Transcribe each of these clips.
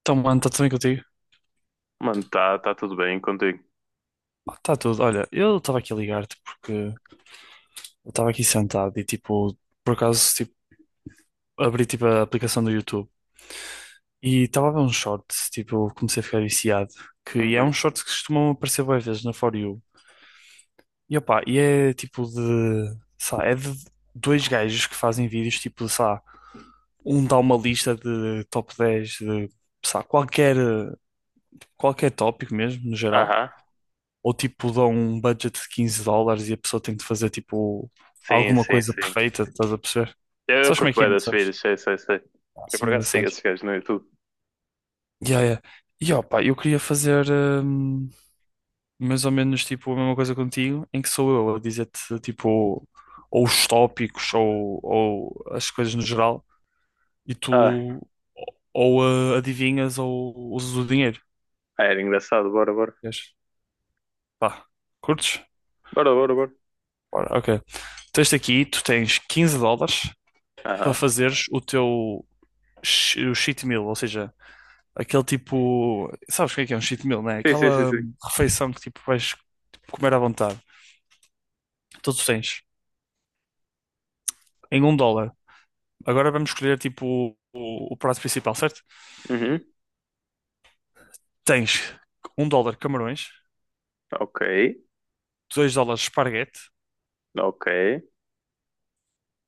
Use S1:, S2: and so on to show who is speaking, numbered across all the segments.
S1: Então, mano, está tudo bem contigo?
S2: Mano, tá tudo bem contigo.
S1: Está tudo. Olha, eu estava aqui a ligar-te porque eu estava aqui sentado e, tipo, por acaso, tipo, abri, tipo, a aplicação do YouTube e estava a ver um short, tipo, comecei a ficar viciado, que é um
S2: Uhum.
S1: short que costumam aparecer várias vezes na For You. E, opá, e é, tipo, de, sei lá, é de dois gajos que fazem vídeos, tipo, sei lá, um dá uma lista de top 10 de, sei lá, qualquer tópico mesmo, no geral.
S2: Aham.
S1: Ou tipo dão um budget de US$ 15 e a pessoa tem de fazer tipo
S2: Sim,
S1: alguma
S2: sim,
S1: coisa
S2: sim.
S1: perfeita, estás a perceber?
S2: Eu
S1: Sabes como é
S2: curto
S1: que é,
S2: bem
S1: não
S2: das
S1: sabes?
S2: vidas, sei, sei, sei.
S1: Ah,
S2: Eu por
S1: sim,
S2: acaso sigo
S1: engraçado.
S2: esses gajos no YouTube.
S1: Yeah, yeah. E ó, pá, eu queria fazer mais ou menos tipo a mesma coisa contigo, em que sou eu a dizer-te tipo ou os tópicos ou as coisas no geral e
S2: Ah,
S1: tu ou adivinhas ou usas o dinheiro.
S2: era engraçado, bora, bora.
S1: Queres? Pá, curtes?
S2: Bora, bora, bora.
S1: Ora, ok. Tens aqui, tu tens US$ 15 para
S2: Aham.
S1: fazeres o teu o cheat meal, ou seja, aquele tipo. Sabes o que é um cheat meal, né?
S2: Sim, sim, sim,
S1: Aquela
S2: sim.
S1: refeição que tipo vais tipo, comer à vontade. Então tu tens em US$ 1. Agora vamos escolher tipo o prato principal, certo?
S2: Uhum.
S1: Tens US$ 1 camarões,
S2: Ok,
S1: US$ 2 esparguete,
S2: ok.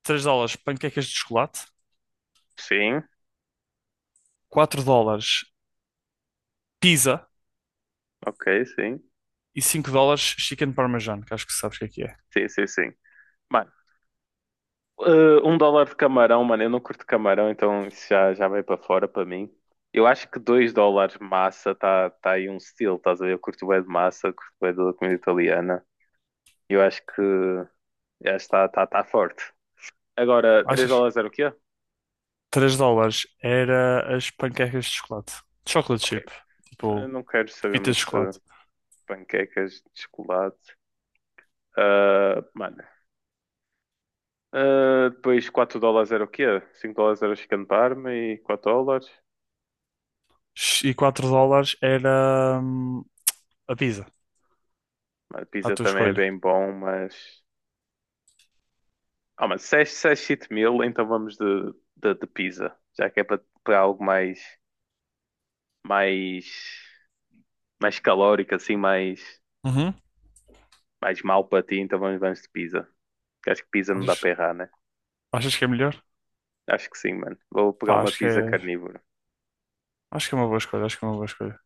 S1: US$ 3 panquecas de chocolate,
S2: Sim,
S1: US$ 4 pizza
S2: ok, sim.
S1: e US$ 5 chicken parmesan, que acho que sabes o que é que é.
S2: Sim, sim, sim. Mano, eh, 1 dólar de camarão, mano, eu não curto camarão, então isso já vai para fora para mim. Eu acho que 2 dólares massa tá aí um estilo, estás a ver? Eu curto bem de massa, curto bem da comida italiana. Eu acho que já está forte. Agora, 3
S1: Achas?
S2: dólares era o quê?
S1: US$ 3 era as panquecas de chocolate. Chocolate
S2: Ok,
S1: chip.
S2: eu
S1: Tipo,
S2: não quero saber
S1: pepitas de
S2: muito sobre
S1: chocolate.
S2: panquecas de chocolate. Ah, mano. Ah, depois 4 dólares era o quê? 5 dólares era o chicken parma e 4 dólares.
S1: E US$ 4 era a pizza,
S2: Mano,
S1: à
S2: pizza
S1: tua
S2: também é
S1: escolha.
S2: bem bom, mas... Ah, mas 6 6 7 mil, então vamos de pizza. Já que é para algo Mais... Mais calórico, assim,
S1: Uhum.
S2: mais mal para ti, então vamos de pizza. Porque acho que pizza não dá para
S1: Achas,
S2: errar, né?
S1: achas que é melhor?
S2: Acho que sim, mano. Vou pegar
S1: Pá,
S2: uma pizza carnívora.
S1: acho que é uma boa escolha, acho que é uma boa escolha.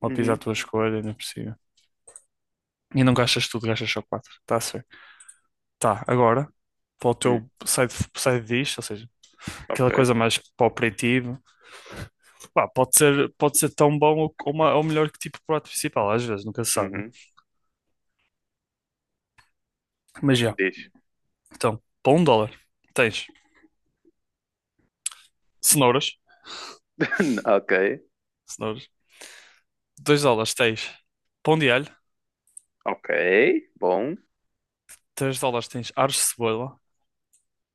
S1: Uma pizza à
S2: Uhum.
S1: tua escolha, ainda por cima. E não gastas tudo, gastas só quatro. Tá certo. Tá, agora, para o
S2: Hum,
S1: teu side, side dish, ou seja, aquela
S2: ok.
S1: coisa mais para o aperitivo, pá, pode ser tão bom ou melhor que tipo prato principal, às vezes, nunca se sabe, né?
S2: Uhum.
S1: Mas já,
S2: Diz.
S1: então, para US$ 1, tens cenouras.
S2: Ok.
S1: Cenouras. 2 dólares tens pão de alho.
S2: Ok. Bom.
S1: US$ 3 tens aros de cebola.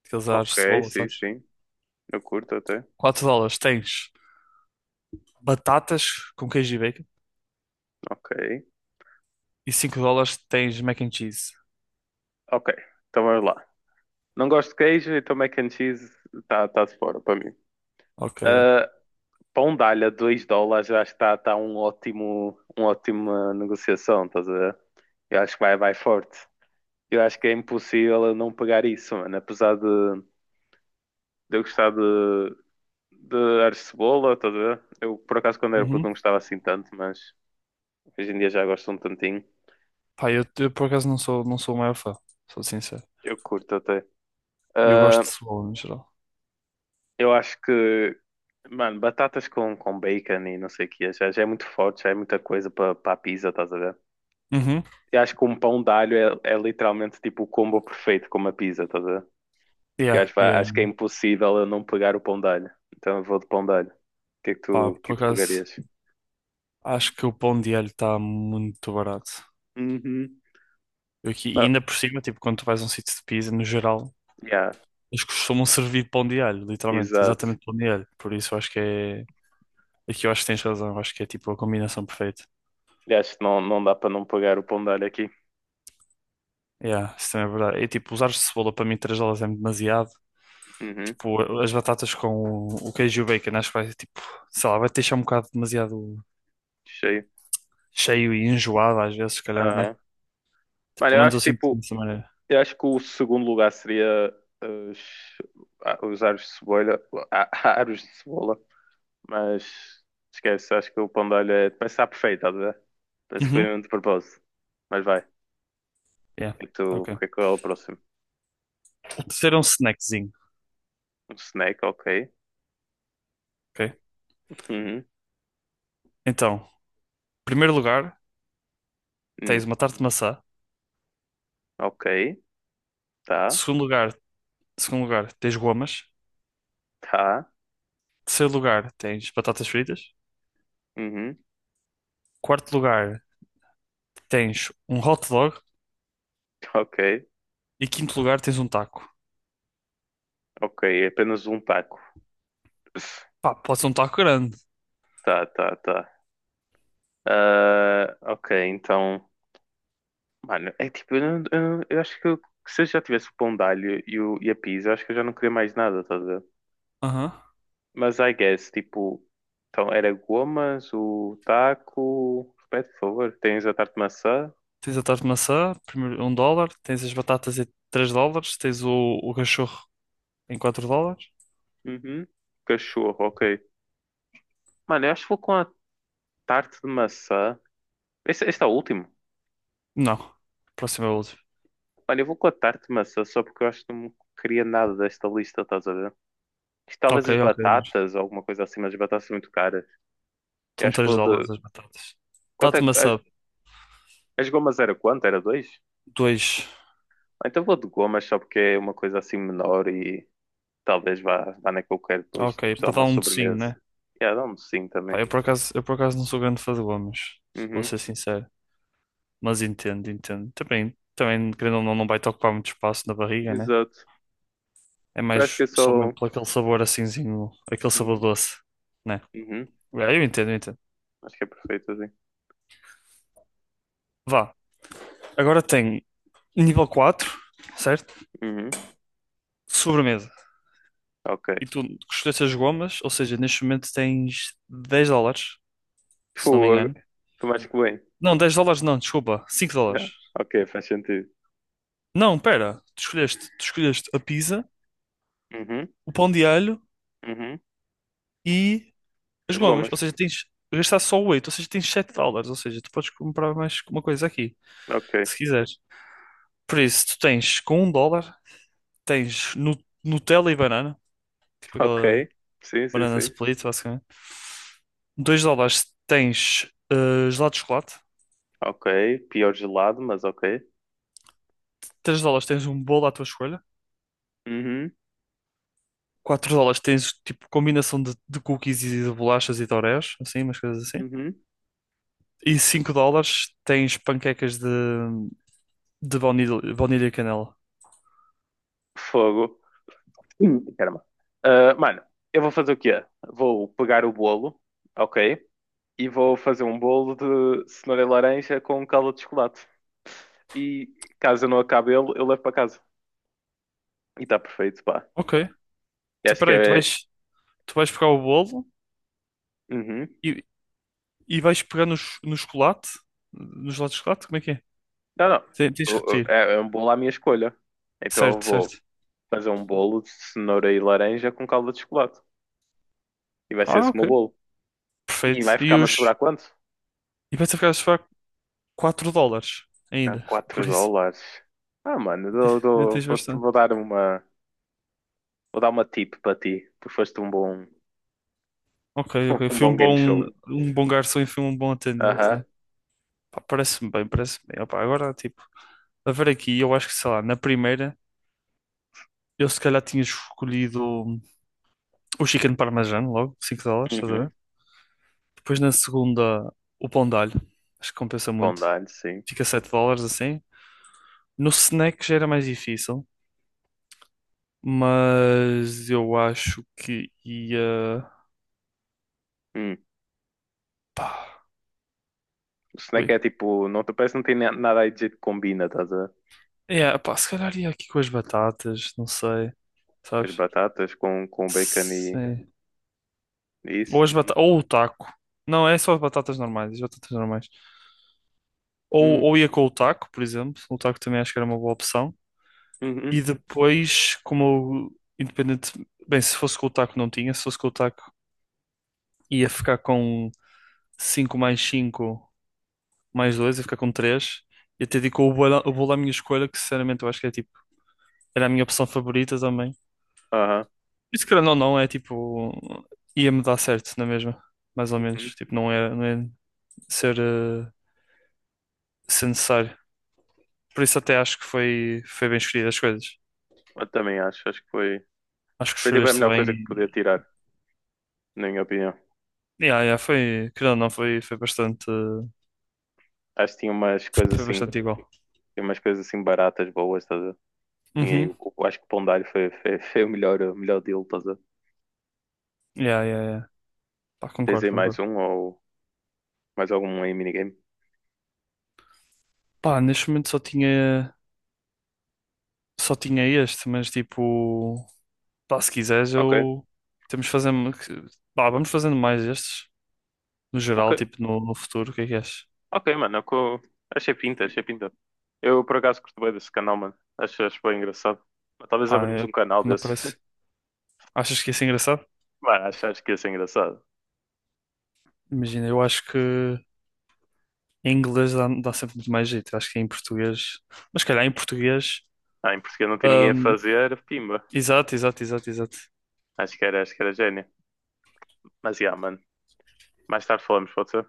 S1: Aqueles aros
S2: Ok,
S1: de cebola,
S2: sim,
S1: sabes?
S2: sim. Eu curto até.
S1: US$ 4 tens batatas com queijo e bacon.
S2: Ok.
S1: E US$ 5 tens mac and cheese.
S2: Ok. Então vamos lá. Não gosto de queijo, então mac and cheese está tá de fora para mim.
S1: Ok, ok.
S2: Ah, pão de alho a 2 dólares, eu acho que está tá uma ótima negociação, estás a ver? Eu acho que vai forte. Eu acho que é impossível eu não pegar isso, mano. Apesar de eu gostar de ar de cebola, estás a ver? Eu, por acaso, quando era puto não
S1: Uhum.
S2: gostava assim tanto, mas hoje em dia já gosto um tantinho.
S1: Pá, eu por acaso não sou, não sou o maior fã. Sou sincero.
S2: Eu curto até.
S1: E eu gosto
S2: Ah,
S1: de cebola no geral.
S2: eu acho que, mano, batatas com bacon e não sei o que, já é muito forte, já é muita coisa para a pizza, estás a ver?
S1: Uhum.
S2: Eu acho que um pão de alho é literalmente tipo o combo perfeito com uma pizza, estás a ver? Eu
S1: Yeah,
S2: acho, pá,
S1: yeah,
S2: acho que é
S1: yeah.
S2: impossível eu não pegar o pão de alho. Então eu vou de pão de alho.
S1: Pá,
S2: O que
S1: por
S2: é que tu
S1: acaso
S2: pegarias?
S1: acho que o pão de alho está muito barato.
S2: Uhum.
S1: Eu aqui, e
S2: Ah,
S1: ainda por cima, tipo, quando tu vais a um sítio de pizza, no geral,
S2: yeah,
S1: eles costumam servir pão de alho, literalmente,
S2: exato.
S1: exatamente pão de alho. Por isso eu acho que é. Aqui eu acho que tens razão, eu acho que é tipo a combinação perfeita.
S2: E acho que não, não dá pra não pegar o pão de alho aqui.
S1: Yeah, isso também é verdade. É tipo, usar cebola para mim 3 dólares é demasiado.
S2: Uhum,
S1: Tipo, as batatas com o queijo e o bacon, acho que vai tipo, sei lá, vai te deixar um bocado demasiado
S2: cheio.
S1: cheio e enjoado às vezes, se calhar, né?
S2: Aham.
S1: Tipo,
S2: Mano,
S1: pelo menos eu sinto dessa maneira.
S2: eu acho que o segundo lugar seria eh, os, os aros de cebola, ah, aros de cebola, mas esquece, acho que o pão de alho parece estar perfeito, estás a ver? Parece que foi
S1: Uhum,
S2: mesmo de propósito. Mas vai.
S1: yeah,
S2: E tu, o
S1: ok.
S2: que é o próximo?
S1: Então, terceiro é um snackzinho,
S2: Um snack, ok.
S1: ok?
S2: Uhum.
S1: Então, primeiro lugar, tens
S2: Hum,
S1: uma tarte de maçã.
S2: ok. Tá.
S1: Segundo lugar, segundo lugar, tens gomas.
S2: Tá.
S1: Terceiro lugar tens batatas fritas.
S2: Uhum.
S1: Quarto lugar tens um hot dog.
S2: Ok.
S1: E quinto lugar tens um taco.
S2: Ok. É apenas um taco.
S1: Pá, pode ser um taco grande.
S2: Tá, tá, tá. Ah, ok, então, mano, é tipo, eu, não- eu não- eu acho que eu- se eu já tivesse o pão de alho e a pizza, eu acho que eu já não queria mais nada, tá a ver?
S1: Aham.
S2: Mas I guess, tipo, então era gomas, o taco, repete, por favor, tens a tarte de maçã,
S1: Tens a tarte de maçã, primeiro US$ 1. Tens as batatas em US$ 3. Tens o cachorro em US$ 4.
S2: uhum. Cachorro, ok. Mano, eu acho que vou com a tarte de maçã, este é o último,
S1: Não. Próximo é o último.
S2: mano, eu vou com a tarte de maçã só porque eu acho que não queria nada desta lista, estás a ver? Talvez
S1: Ok,
S2: as
S1: ok.
S2: batatas, ou alguma coisa assim, mas as batatas são muito caras. Eu
S1: Estão
S2: acho que
S1: três
S2: vou de,
S1: dólares as batatas.
S2: Quanto
S1: Tarte de
S2: é, as,
S1: maçã,
S2: as gomas era quanto? Era dois?
S1: 2.
S2: Ah, então vou de gomas só porque é uma coisa assim menor e talvez vá na que eu quero depois, tipo
S1: Ok,
S2: só
S1: para dar
S2: uma
S1: um docinho,
S2: sobremesa.
S1: né?
S2: E yeah, dá-me sim
S1: Pá,
S2: também.
S1: eu por acaso não sou grande fã de gomas, vou
S2: Uhum,
S1: ser sincero. Mas entendo, entendo. Também, também, querendo ou não, não vai-te ocupar muito espaço na barriga, né?
S2: exato.
S1: É
S2: Eu acho que
S1: mais
S2: é
S1: só
S2: só.
S1: mesmo por aquele sabor assimzinho, aquele sabor
S2: Uhum,
S1: doce, né?
S2: uhum,
S1: É, eu entendo, eu entendo.
S2: acho que é perfeito assim.
S1: Vá. Agora tem nível quatro, certo?
S2: Uhum,
S1: Sobremesa. E
S2: ok.
S1: tu escolheste as gomas, ou seja, neste momento tens US$ 10, se não me
S2: Fogo.
S1: engano.
S2: Tu mais que bem.
S1: Não, US$ 10 não, desculpa, US$ 5.
S2: Yeah, ok, faz sentido.
S1: Não, pera, tu escolheste a pizza,
S2: Uhum,
S1: o pão de alho
S2: uhum.
S1: e as
S2: As
S1: gomas,
S2: gomas.
S1: ou seja, tens gastar só o 8, ou seja, tens US$ 7, ou seja, tu podes comprar mais uma coisa aqui,
S2: Ok,
S1: se quiseres. Por isso, tu tens com US$ 1, tens Nutella e banana, tipo
S2: ok.
S1: aquela
S2: Sim, sim,
S1: banana Uhum.
S2: sim.
S1: split, basicamente. US$ 2 tens gelado de chocolate,
S2: Ok, pior gelado, mas ok.
S1: 3 dólares tens um bolo à tua escolha,
S2: Uhum,
S1: US$ 4 tens tipo combinação de cookies e de bolachas e de Oreos, assim, umas coisas assim.
S2: uhum.
S1: E US$ 5 tens panquecas de baunilha, baunilha e canela.
S2: Fogo. Ih, caramba. Ah, mano, eu vou fazer o quê? Vou pegar o bolo, ok? E vou fazer um bolo de cenoura e laranja com calda de chocolate. E caso eu não acabe ele, eu levo para casa. E está perfeito, pá.
S1: Ok.
S2: E
S1: Tu,
S2: acho que
S1: peraí, tu vais.
S2: é.
S1: Tu vais pegar o bolo
S2: Uhum.
S1: e, e vais pegar no chocolate? No gelado de chocolate? Como é que é?
S2: Não, não.
S1: Tens de repetir.
S2: É um bolo à minha escolha. Então eu
S1: Certo, certo.
S2: vou fazer um bolo de cenoura e laranja com calda de chocolate. E vai ser
S1: Ah,
S2: esse o meu
S1: ok.
S2: bolo. E
S1: Perfeito.
S2: vai
S1: E
S2: ficar-me a
S1: os.
S2: sobrar quanto?
S1: E vais ficar a pagar US$ 4
S2: Ah,
S1: ainda.
S2: 4
S1: Por isso,
S2: dólares. Ah, mano, dou-
S1: ainda
S2: dou-
S1: tens
S2: vou,
S1: bastante.
S2: vou dar uma. Vou dar uma tip para ti. Tu foste um bom,
S1: Ok, ok.
S2: um
S1: Fui
S2: bom game show.
S1: um bom garçom e fui um bom atendente,
S2: Aham.
S1: né? Pá, parece-me bem, parece-me bem. Opá, agora, tipo, a ver aqui, eu acho que, sei lá, na primeira, eu se calhar tinha escolhido o chicken parmesan logo, US$ 5, estás a ver?
S2: Uhum.
S1: Depois na segunda, o pão de alho. Acho que compensa
S2: Bom
S1: muito.
S2: dar-lhe, sim.
S1: Fica US$ 7 assim. No snack já era mais difícil, mas eu acho que ia.
S2: Hum.
S1: Pá,
S2: O snack
S1: ui.
S2: é tipo, não te parece que não tem nada aí de jeito que combina, estás a ver?
S1: É, pá, se calhar ia aqui com as batatas, não sei.
S2: As
S1: Sabes?
S2: batatas com bacon e
S1: Sim.
S2: e
S1: Ou
S2: isso.
S1: as batatas, ou o taco. Não, é só as batatas normais, as batatas normais. Ou,
S2: Hum.
S1: ou ia com o taco, por exemplo. O taco também acho que era uma boa opção.
S2: Uhum.
S1: E depois, como eu, independente, bem, se fosse com o taco não tinha, se fosse com o taco ia ficar com 5 mais 2 ia ficar com três. E até digo o bolo à minha escolha, que sinceramente eu acho que é tipo, era a minha opção favorita também.
S2: Aham.
S1: Por isso, querendo ou não, é tipo, ia-me dar certo, na mesma, mais ou menos.
S2: Uhum.
S1: Tipo, não é ser, eh, ser necessário. Por isso, até acho que foi, foi bem escolhido as coisas.
S2: Eu também acho que foi.
S1: Acho que
S2: Foi tipo a
S1: escolheste
S2: melhor
S1: bem.
S2: coisa que podia tirar, na minha opinião.
S1: Yeah, yeah, foi, querendo ou não, foi bastante,
S2: Acho que
S1: foi bastante igual.
S2: tinha umas coisas assim baratas, boas, estás a ver? Tinha aí,
S1: Uhum.
S2: acho que o pão de alho foi o melhor deal, estás a ver?
S1: Yeah, yeah, yeah. Pá,
S2: Tens
S1: concordo,
S2: aí mais
S1: concordo.
S2: um ou mais algum aí minigame?
S1: Pá, neste momento só tinha. Só tinha este, mas tipo, pá, se quiseres,
S2: Ok,
S1: eu temos fazendo, pá, vamos fazendo mais estes, no
S2: ok,
S1: geral, tipo, no futuro, o que é que achas?
S2: ok, mano. Achei pinta, achei pinta. Eu por acaso curto bem desse canal, mano. Acho bem engraçado. Mas talvez
S1: Pá,
S2: abrimos um canal
S1: não
S2: desse.
S1: parece. Achas que ia ser engraçado?
S2: Mano, acho que ia ser engraçado.
S1: Imagina, eu acho que em inglês dá, dá sempre muito mais jeito, acho que em português, mas se calhar em português,
S2: Ah, em Portugal não tem ninguém a
S1: hum,
S2: fazer, pimba.
S1: exato, exato, exato, exato.
S2: Acho que era gênio. Mas, yeah, mano. Mais tarde falamos, pode ser?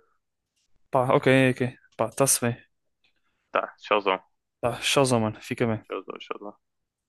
S1: Pá, ok, ok, pá, tá-se bem,
S2: Tá, tchauzão.
S1: tá, tchauzão, mano, fica bem.
S2: Tchauzão, tchauzão.